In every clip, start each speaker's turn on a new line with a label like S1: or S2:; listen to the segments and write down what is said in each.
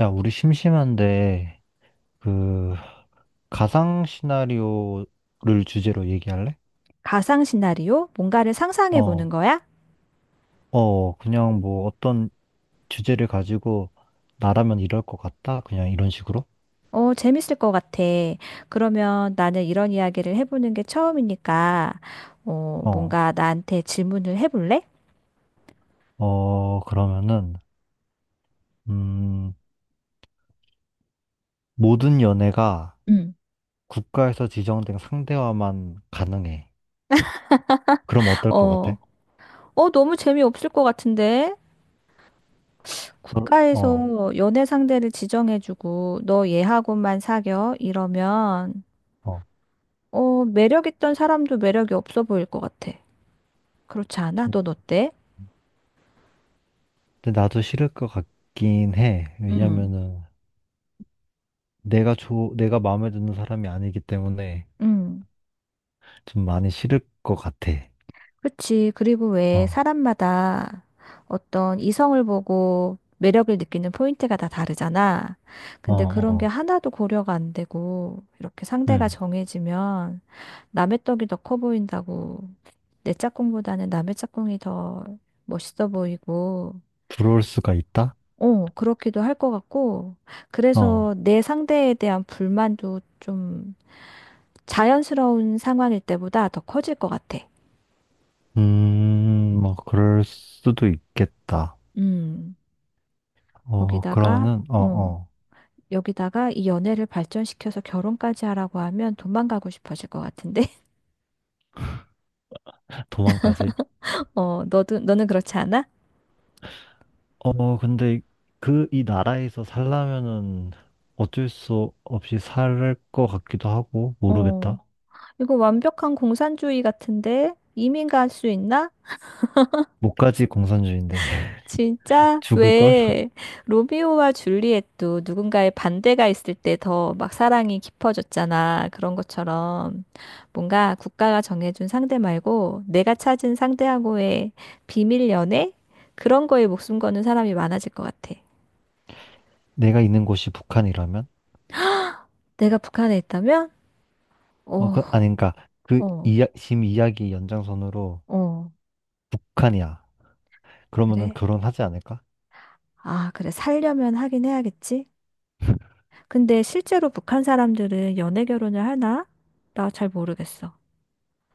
S1: 야, 우리 심심한데, 그, 가상 시나리오를 주제로 얘기할래?
S2: 가상 시나리오? 뭔가를 상상해 보는
S1: 어,
S2: 거야?
S1: 그냥 뭐 어떤 주제를 가지고 나라면 이럴 것 같다? 그냥 이런 식으로?
S2: 재밌을 것 같아. 그러면 나는 이런 이야기를 해보는 게 처음이니까,
S1: 어,
S2: 뭔가 나한테 질문을 해볼래?
S1: 그러면은, 음, 모든 연애가
S2: 응.
S1: 국가에서 지정된 상대와만 가능해. 그럼 어떨 것
S2: 어,
S1: 같아?
S2: 너무 재미없을 것 같은데?
S1: 너,
S2: 국가에서
S1: 어,
S2: 연애 상대를 지정해주고, 너 얘하고만 사겨? 이러면,
S1: 어.
S2: 매력 있던 사람도 매력이 없어 보일 것 같아. 그렇지 않아?
S1: 좀-
S2: 넌 어때?
S1: 근데 나도 싫을 것 같긴 해.
S2: 음.
S1: 왜냐면은, 내가 마음에 드는 사람이 아니기 때문에,
S2: 음.
S1: 좀 많이 싫을 것 같아.
S2: 그치. 그리고 왜
S1: 어,
S2: 사람마다 어떤 이성을 보고 매력을 느끼는 포인트가 다 다르잖아.
S1: 어,
S2: 근데 그런 게
S1: 어,
S2: 하나도 고려가 안 되고, 이렇게 상대가
S1: 음.
S2: 정해지면 남의 떡이 더 커 보인다고. 내 짝꿍보다는 남의 짝꿍이 더 멋있어 보이고,
S1: 부러울 수가 있다?
S2: 어, 그렇기도 할 것 같고, 그래서
S1: 어,
S2: 내 상대에 대한 불만도 좀 자연스러운 상황일 때보다 더 커질 것 같아.
S1: 뭐, 그럴 수도 있겠다.
S2: 음, 거기다가,
S1: 그러면은,
S2: 어. 여기다가 이 연애를 발전시켜서 결혼까지 하라고 하면 도망가고 싶어질 것 같은데?
S1: 도망까지.
S2: 어, 너도, 너는 그렇지 않아?
S1: 근데 이 나라에서 살려면은 어쩔 수 없이 살 것 같기도 하고,
S2: 어,
S1: 모르겠다.
S2: 이거 완벽한 공산주의 같은데? 이민 갈 수 있나?
S1: 목까지 공산주의인데,
S2: 진짜?
S1: 죽을걸?
S2: 왜? 로미오와 줄리엣도 누군가의 반대가 있을 때 더 막 사랑이 깊어졌잖아. 그런 것처럼 뭔가 국가가 정해준 상대 말고 내가 찾은 상대하고의 비밀 연애? 그런 거에 목숨 거는 사람이 많아질 것 같아.
S1: 내가 있는 곳이 북한이라면?
S2: 내가 북한에 있다면? 어,
S1: 아니, 그니까,
S2: 어,
S1: 지금 이야기 연장선으로
S2: 어,
S1: 북한이야. 그러면은
S2: 그래?
S1: 결혼하지 않을까?
S2: 아, 그래. 살려면 하긴 해야겠지? 근데 실제로 북한 사람들은 연애 결혼을 하나? 나 잘 모르겠어.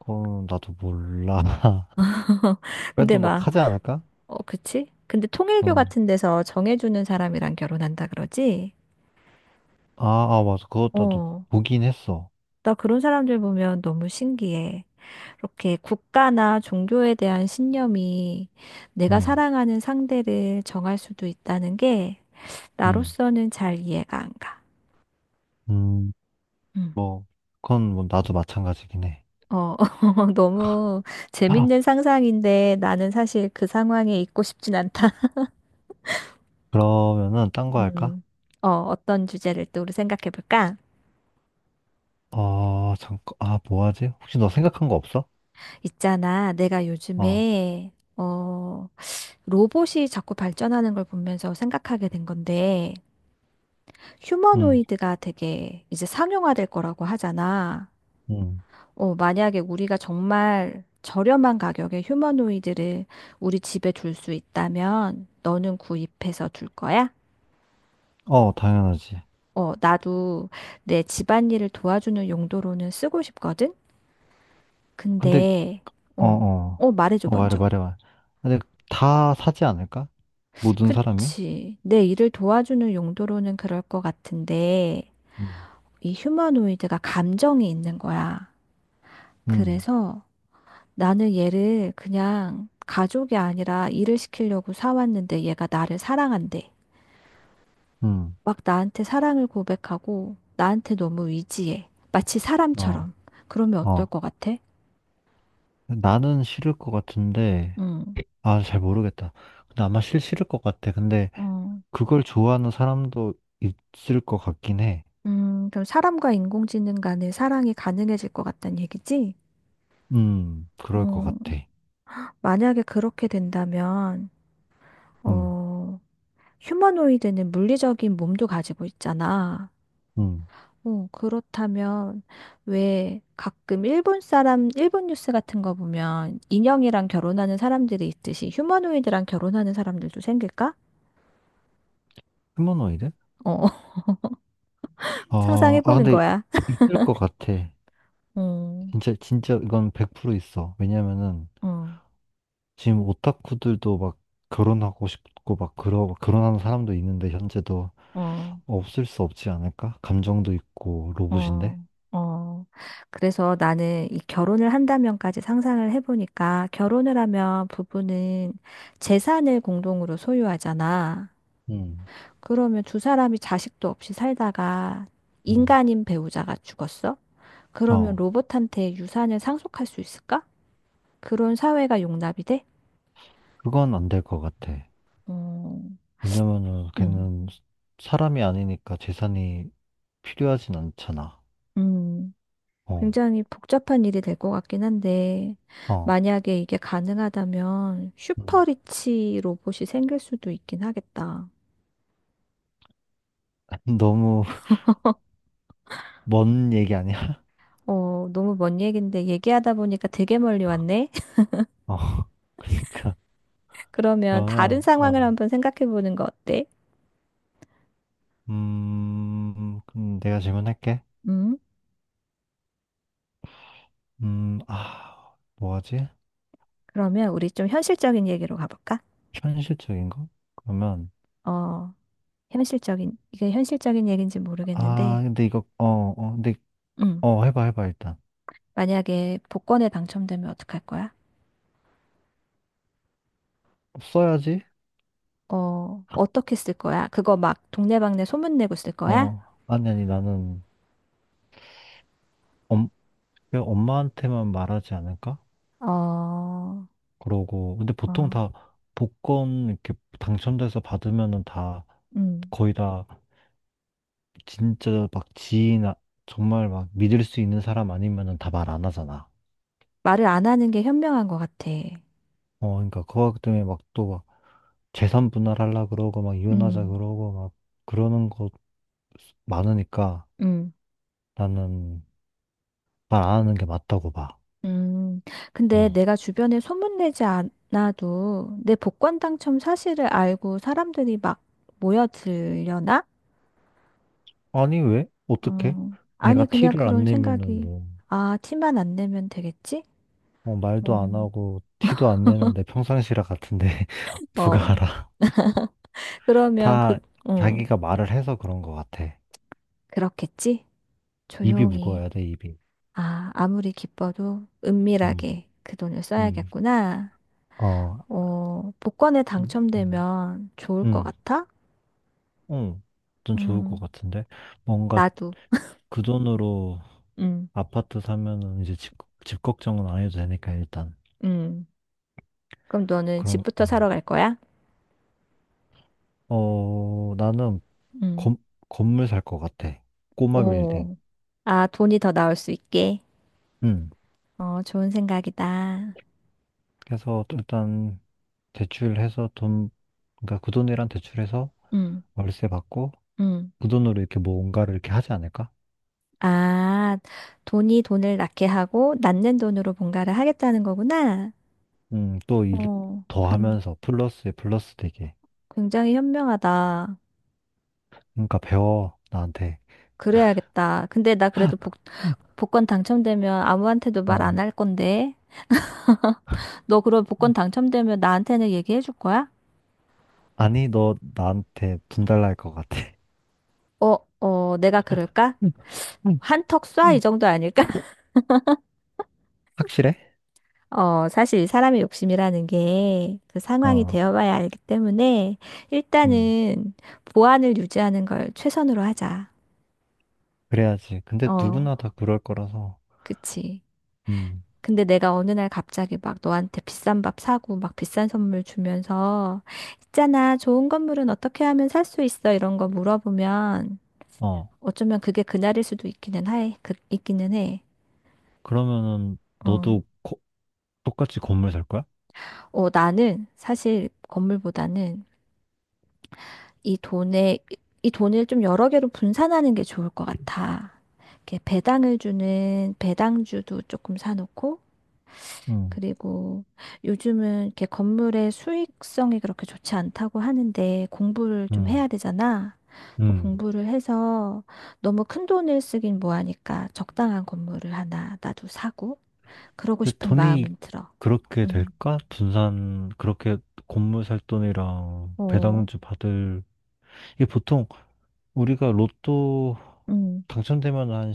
S1: 나도 몰라.
S2: 근데
S1: 그래도 막
S2: 막,
S1: 하지 않을까?
S2: 그치? 근데 통일교
S1: 어.
S2: 같은 데서 정해주는 사람이랑 결혼한다 그러지?
S1: 아, 아, 맞아. 그것 나도
S2: 어,
S1: 보긴 했어.
S2: 나 그런 사람들 보면 너무 신기해. 이렇게 국가나 종교에 대한 신념이 내가
S1: 응,
S2: 사랑하는 상대를 정할 수도 있다는 게
S1: 응,
S2: 나로서는 잘 이해가 안 가.
S1: 음,
S2: 음.
S1: 뭐, 그건 뭐 나도 마찬가지긴 해.
S2: 어, 너무 재밌는 상상인데 나는 사실 그 상황에 있고 싶진 않다.
S1: 그러면은 딴 거 할까?
S2: 음, 어떤 주제를 또 우리 생각해 볼까?
S1: 잠깐, 아, 뭐 하지? 혹시 너 생각한 거 없어?
S2: 있잖아, 내가
S1: 어,
S2: 요즘에, 로봇이 자꾸 발전하는 걸 보면서 생각하게 된 건데,
S1: 응,
S2: 휴머노이드가 되게 이제 상용화될 거라고 하잖아.
S1: 응.
S2: 만약에 우리가 정말 저렴한 가격에 휴머노이드를 우리 집에 둘 수 있다면, 너는 구입해서 둘 거야?
S1: 당연하지.
S2: 어, 나도 내 집안일을 도와주는 용도로는 쓰고 싶거든?
S1: 근데,
S2: 근데,
S1: 어,
S2: 어,
S1: 어,
S2: 말해줘,
S1: 말해,
S2: 먼저.
S1: 말해, 말해. 근데 다 사지 않을까? 모든 사람이?
S2: 그치. 내 일을 도와주는 용도로는 그럴 것 같은데,
S1: 응,
S2: 이 휴머노이드가 감정이 있는 거야.
S1: 응,
S2: 그래서 나는 얘를 그냥 가족이 아니라 일을 시키려고 사왔는데 얘가 나를 사랑한대.
S1: 응,
S2: 막 나한테 사랑을 고백하고 나한테 너무 의지해. 마치
S1: 어,
S2: 사람처럼. 그러면 어떨
S1: 어.
S2: 것 같아?
S1: 나는 싫을 것 같은데,
S2: 응.
S1: 아, 잘 모르겠다. 근데 아마 싫을 것 같아. 근데
S2: 어.
S1: 그걸 좋아하는 사람도 있을 것 같긴 해.
S2: 그럼 사람과 인공지능 간의 사랑이 가능해질 것 같다는 얘기지?
S1: 그럴 것 같아.
S2: 음, 만약에 그렇게 된다면,
S1: 음,
S2: 어, 휴머노이드는 물리적인 몸도 가지고 있잖아.
S1: 음.
S2: 어, 그렇다면 왜 가끔 일본 사람, 일본 뉴스 같은 거 보면 인형이랑 결혼하는 사람들이 있듯이 휴머노이드랑 결혼하는 사람들도 생길까?
S1: 휴머노이드?
S2: 어,
S1: 어,
S2: 상상해보는
S1: 근데
S2: 거야.
S1: 있을 것 같아.
S2: 음,
S1: 진짜, 진짜 이건 100% 있어. 왜냐면은
S2: 어,
S1: 지금 오타쿠들도 막 결혼하고 싶고 막 결혼하는 사람도 있는데 현재도
S2: 어.
S1: 없을 수 없지 않을까? 감정도 있고 로봇인데?
S2: 어, 어. 그래서 나는 이 결혼을 한다면까지 상상을 해보니까 결혼을 하면 부부는 재산을 공동으로 소유하잖아.
S1: 음,
S2: 그러면 두 사람이 자식도 없이 살다가
S1: 음.
S2: 인간인 배우자가 죽었어? 그러면
S1: 어,
S2: 로봇한테 유산을 상속할 수 있을까? 그런 사회가 용납이 돼?
S1: 그건 안 될 것 같아.
S2: 어,
S1: 왜냐면은
S2: 음,
S1: 걔는 사람이 아니니까 재산이 필요하진 않잖아.
S2: 음.
S1: 어,
S2: 굉장히 복잡한 일이 될 것 같긴 한데,
S1: 어.
S2: 만약에 이게 가능하다면
S1: 음.
S2: 슈퍼리치 로봇이 생길 수도 있긴 하겠다.
S1: 너무 먼 얘기 아니야?
S2: 어, 너무 먼 얘긴데 얘기하다 보니까 되게 멀리 왔네?
S1: 어, 그러니까
S2: 그러면 다른
S1: 그러면
S2: 상황을 한번 생각해 보는 거 어때?
S1: 그럼 내가 질문할게.
S2: 음?
S1: 아, 뭐하지?
S2: 그러면 우리 좀 현실적인 얘기로 가볼까?
S1: 현실적인 거? 그러면
S2: 어, 현실적인, 이게 현실적인 얘기인지 모르겠는데,
S1: 근데 이거 근데
S2: 음,
S1: 해봐, 해봐 일단.
S2: 만약에 복권에 당첨되면 어떡할 거야?
S1: 써야지.
S2: 어, 어떻게 쓸 거야? 그거 막 동네방네 소문내고 쓸 거야?
S1: 어, 아니 아니 나는 엄, 엄마한테만 말하지 않을까?
S2: 어,
S1: 그러고 근데
S2: 어,
S1: 보통 다 복권 이렇게 당첨돼서 받으면은 다
S2: 음.
S1: 거의 다 진짜 막 지인 정말 막 믿을 수 있는 사람 아니면은 다 말 안 하잖아.
S2: 말을 안 하는 게 현명한 것 같아.
S1: 그러니까 그거 때문에 막 또 막 재산 분할하려 그러고 막 이혼하자
S2: 음,
S1: 그러고 막 그러는 거 많으니까
S2: 음,
S1: 나는 말 안 하는 게 맞다고 봐.
S2: 음. 근데
S1: 어.
S2: 내가 주변에 소문내지 않아도 내 복권 당첨 사실을 알고 사람들이 막 모여들려나?
S1: 아니 왜? 어떻게?
S2: 어,
S1: 내가
S2: 아니, 그냥
S1: 티를 안
S2: 그런
S1: 내면은
S2: 생각이,
S1: 뭐,
S2: 아, 티만 안 내면 되겠지?
S1: 말도 안
S2: 음.
S1: 하고 티도 안 내는데 평상시라 같은데 누가
S2: 어,
S1: 알아?
S2: 그러면 그,
S1: 다
S2: 어
S1: 자기가 말을 해서 그런 것 같아.
S2: 그렇겠지?
S1: 입이
S2: 조용히.
S1: 무거워야 돼, 입이.
S2: 아, 아무리 기뻐도
S1: 음,
S2: 은밀하게 그 돈을
S1: 음,
S2: 써야겠구나.
S1: 어,
S2: 어, 복권에
S1: 음, 음,
S2: 당첨되면 좋을 것
S1: 음,
S2: 같아?
S1: 음. 좀 좋을 것
S2: 음,
S1: 같은데. 뭔가
S2: 나도.
S1: 그 돈으로
S2: 음,
S1: 아파트 사면은 이제 집 걱정은 안 해도 되니까, 일단.
S2: 음. 그럼 너는
S1: 그럼,
S2: 집부터 사러 갈 거야?
S1: 나는
S2: 음.
S1: 건, 건물 살 것 같아. 꼬마 빌딩.
S2: 오. 아, 돈이 더 나올 수 있게.
S1: 음.
S2: 어, 좋은 생각이다.
S1: 그래서 일단 대출해서 돈, 그러니까 그 돈이랑 대출해서
S2: 음,
S1: 월세 받고
S2: 음.
S1: 그 돈으로 이렇게 뭔가를 이렇게 하지 않을까?
S2: 아, 돈이 돈을 낳게 하고 낳는 돈으로 뭔가를 하겠다는 거구나.
S1: 또 일
S2: 어,
S1: 더
S2: 굉-
S1: 하면서 플러스에 플러스 되게.
S2: 굉장히 현명하다.
S1: 그러니까 배워, 나한테.
S2: 그래야겠다. 근데 나 그래도
S1: 응.
S2: 복권 당첨되면 아무한테도 말
S1: 어.
S2: 안 할 건데. 너 그럼 복권 당첨되면 나한테는 얘기해 줄 거야?
S1: 아니, 너 나한테 분달날 것 같아.
S2: 어, 어, 내가 그럴까?
S1: 응. 응.
S2: 한턱 쏴, 이
S1: 응.
S2: 정도 아닐까?
S1: 확실해?
S2: 어, 사실 사람의 욕심이라는 게 그 상황이
S1: 어,
S2: 되어봐야 알기 때문에
S1: 음,
S2: 일단은 보안을 유지하는 걸 최선으로 하자.
S1: 그래야지. 근데
S2: 어,
S1: 누구나 다 그럴 거라서,
S2: 그치.
S1: 음,
S2: 근데 내가 어느 날 갑자기 막 너한테 비싼 밥 사고 막 비싼 선물 주면서 있잖아, 좋은 건물은 어떻게 하면 살 수 있어? 이런 거 물어보면
S1: 어,
S2: 어쩌면 그게 그날일 수도 있기는 해. 그, 있기는 해.
S1: 그러면은
S2: 어.
S1: 너도 똑같이 건물 살 거야?
S2: 어, 나는 사실 건물보다는 이 돈에, 이 돈을 좀 여러 개로 분산하는 게 좋을 것 같아. 이렇게 배당을 주는 배당주도 조금 사놓고,
S1: 음,
S2: 그리고 요즘은 이렇게 건물의 수익성이 그렇게 좋지 않다고 하는데 공부를 좀
S1: 음,
S2: 해야 되잖아. 그래서
S1: 음.
S2: 공부를 해서 너무 큰 돈을 쓰긴 뭐하니까 적당한 건물을 하나 나도 사고, 그러고
S1: 근데
S2: 싶은
S1: 돈이
S2: 마음은 들어.
S1: 그렇게
S2: 음,
S1: 될까? 분산, 그렇게 건물 살 돈이랑
S2: 어,
S1: 배당주 받을 이게 보통 우리가 로또
S2: 음.
S1: 당첨되면 한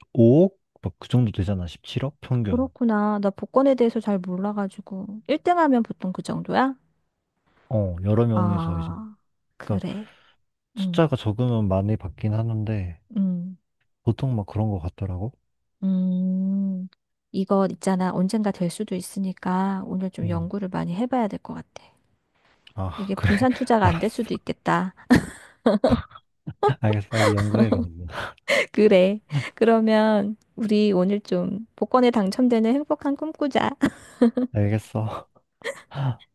S1: 15억? 막 그 정도 되잖아. 17억? 평균.
S2: 그렇구나. 나 복권에 대해서 잘 몰라가지고. 1등 하면 보통 그 정도야?
S1: 여러 명이서 이제.
S2: 아,
S1: 그러니까
S2: 그래. 음,
S1: 숫자가 적으면 많이 받긴 하는데,
S2: 음,
S1: 보통 막 그런 거 같더라고.
S2: 음. 이거 있잖아. 언젠가 될 수도 있으니까 오늘 좀
S1: 음.
S2: 연구를 많이 해봐야 될 것 같아.
S1: 아,
S2: 이게
S1: 그래.
S2: 분산 투자가 안 될
S1: 알았어.
S2: 수도 있겠다.
S1: 알겠어. 빨리 연구해, 그러면.
S2: 그래. 그러면 우리 오늘 좀 복권에 당첨되는 행복한 꿈꾸자.
S1: 알겠어.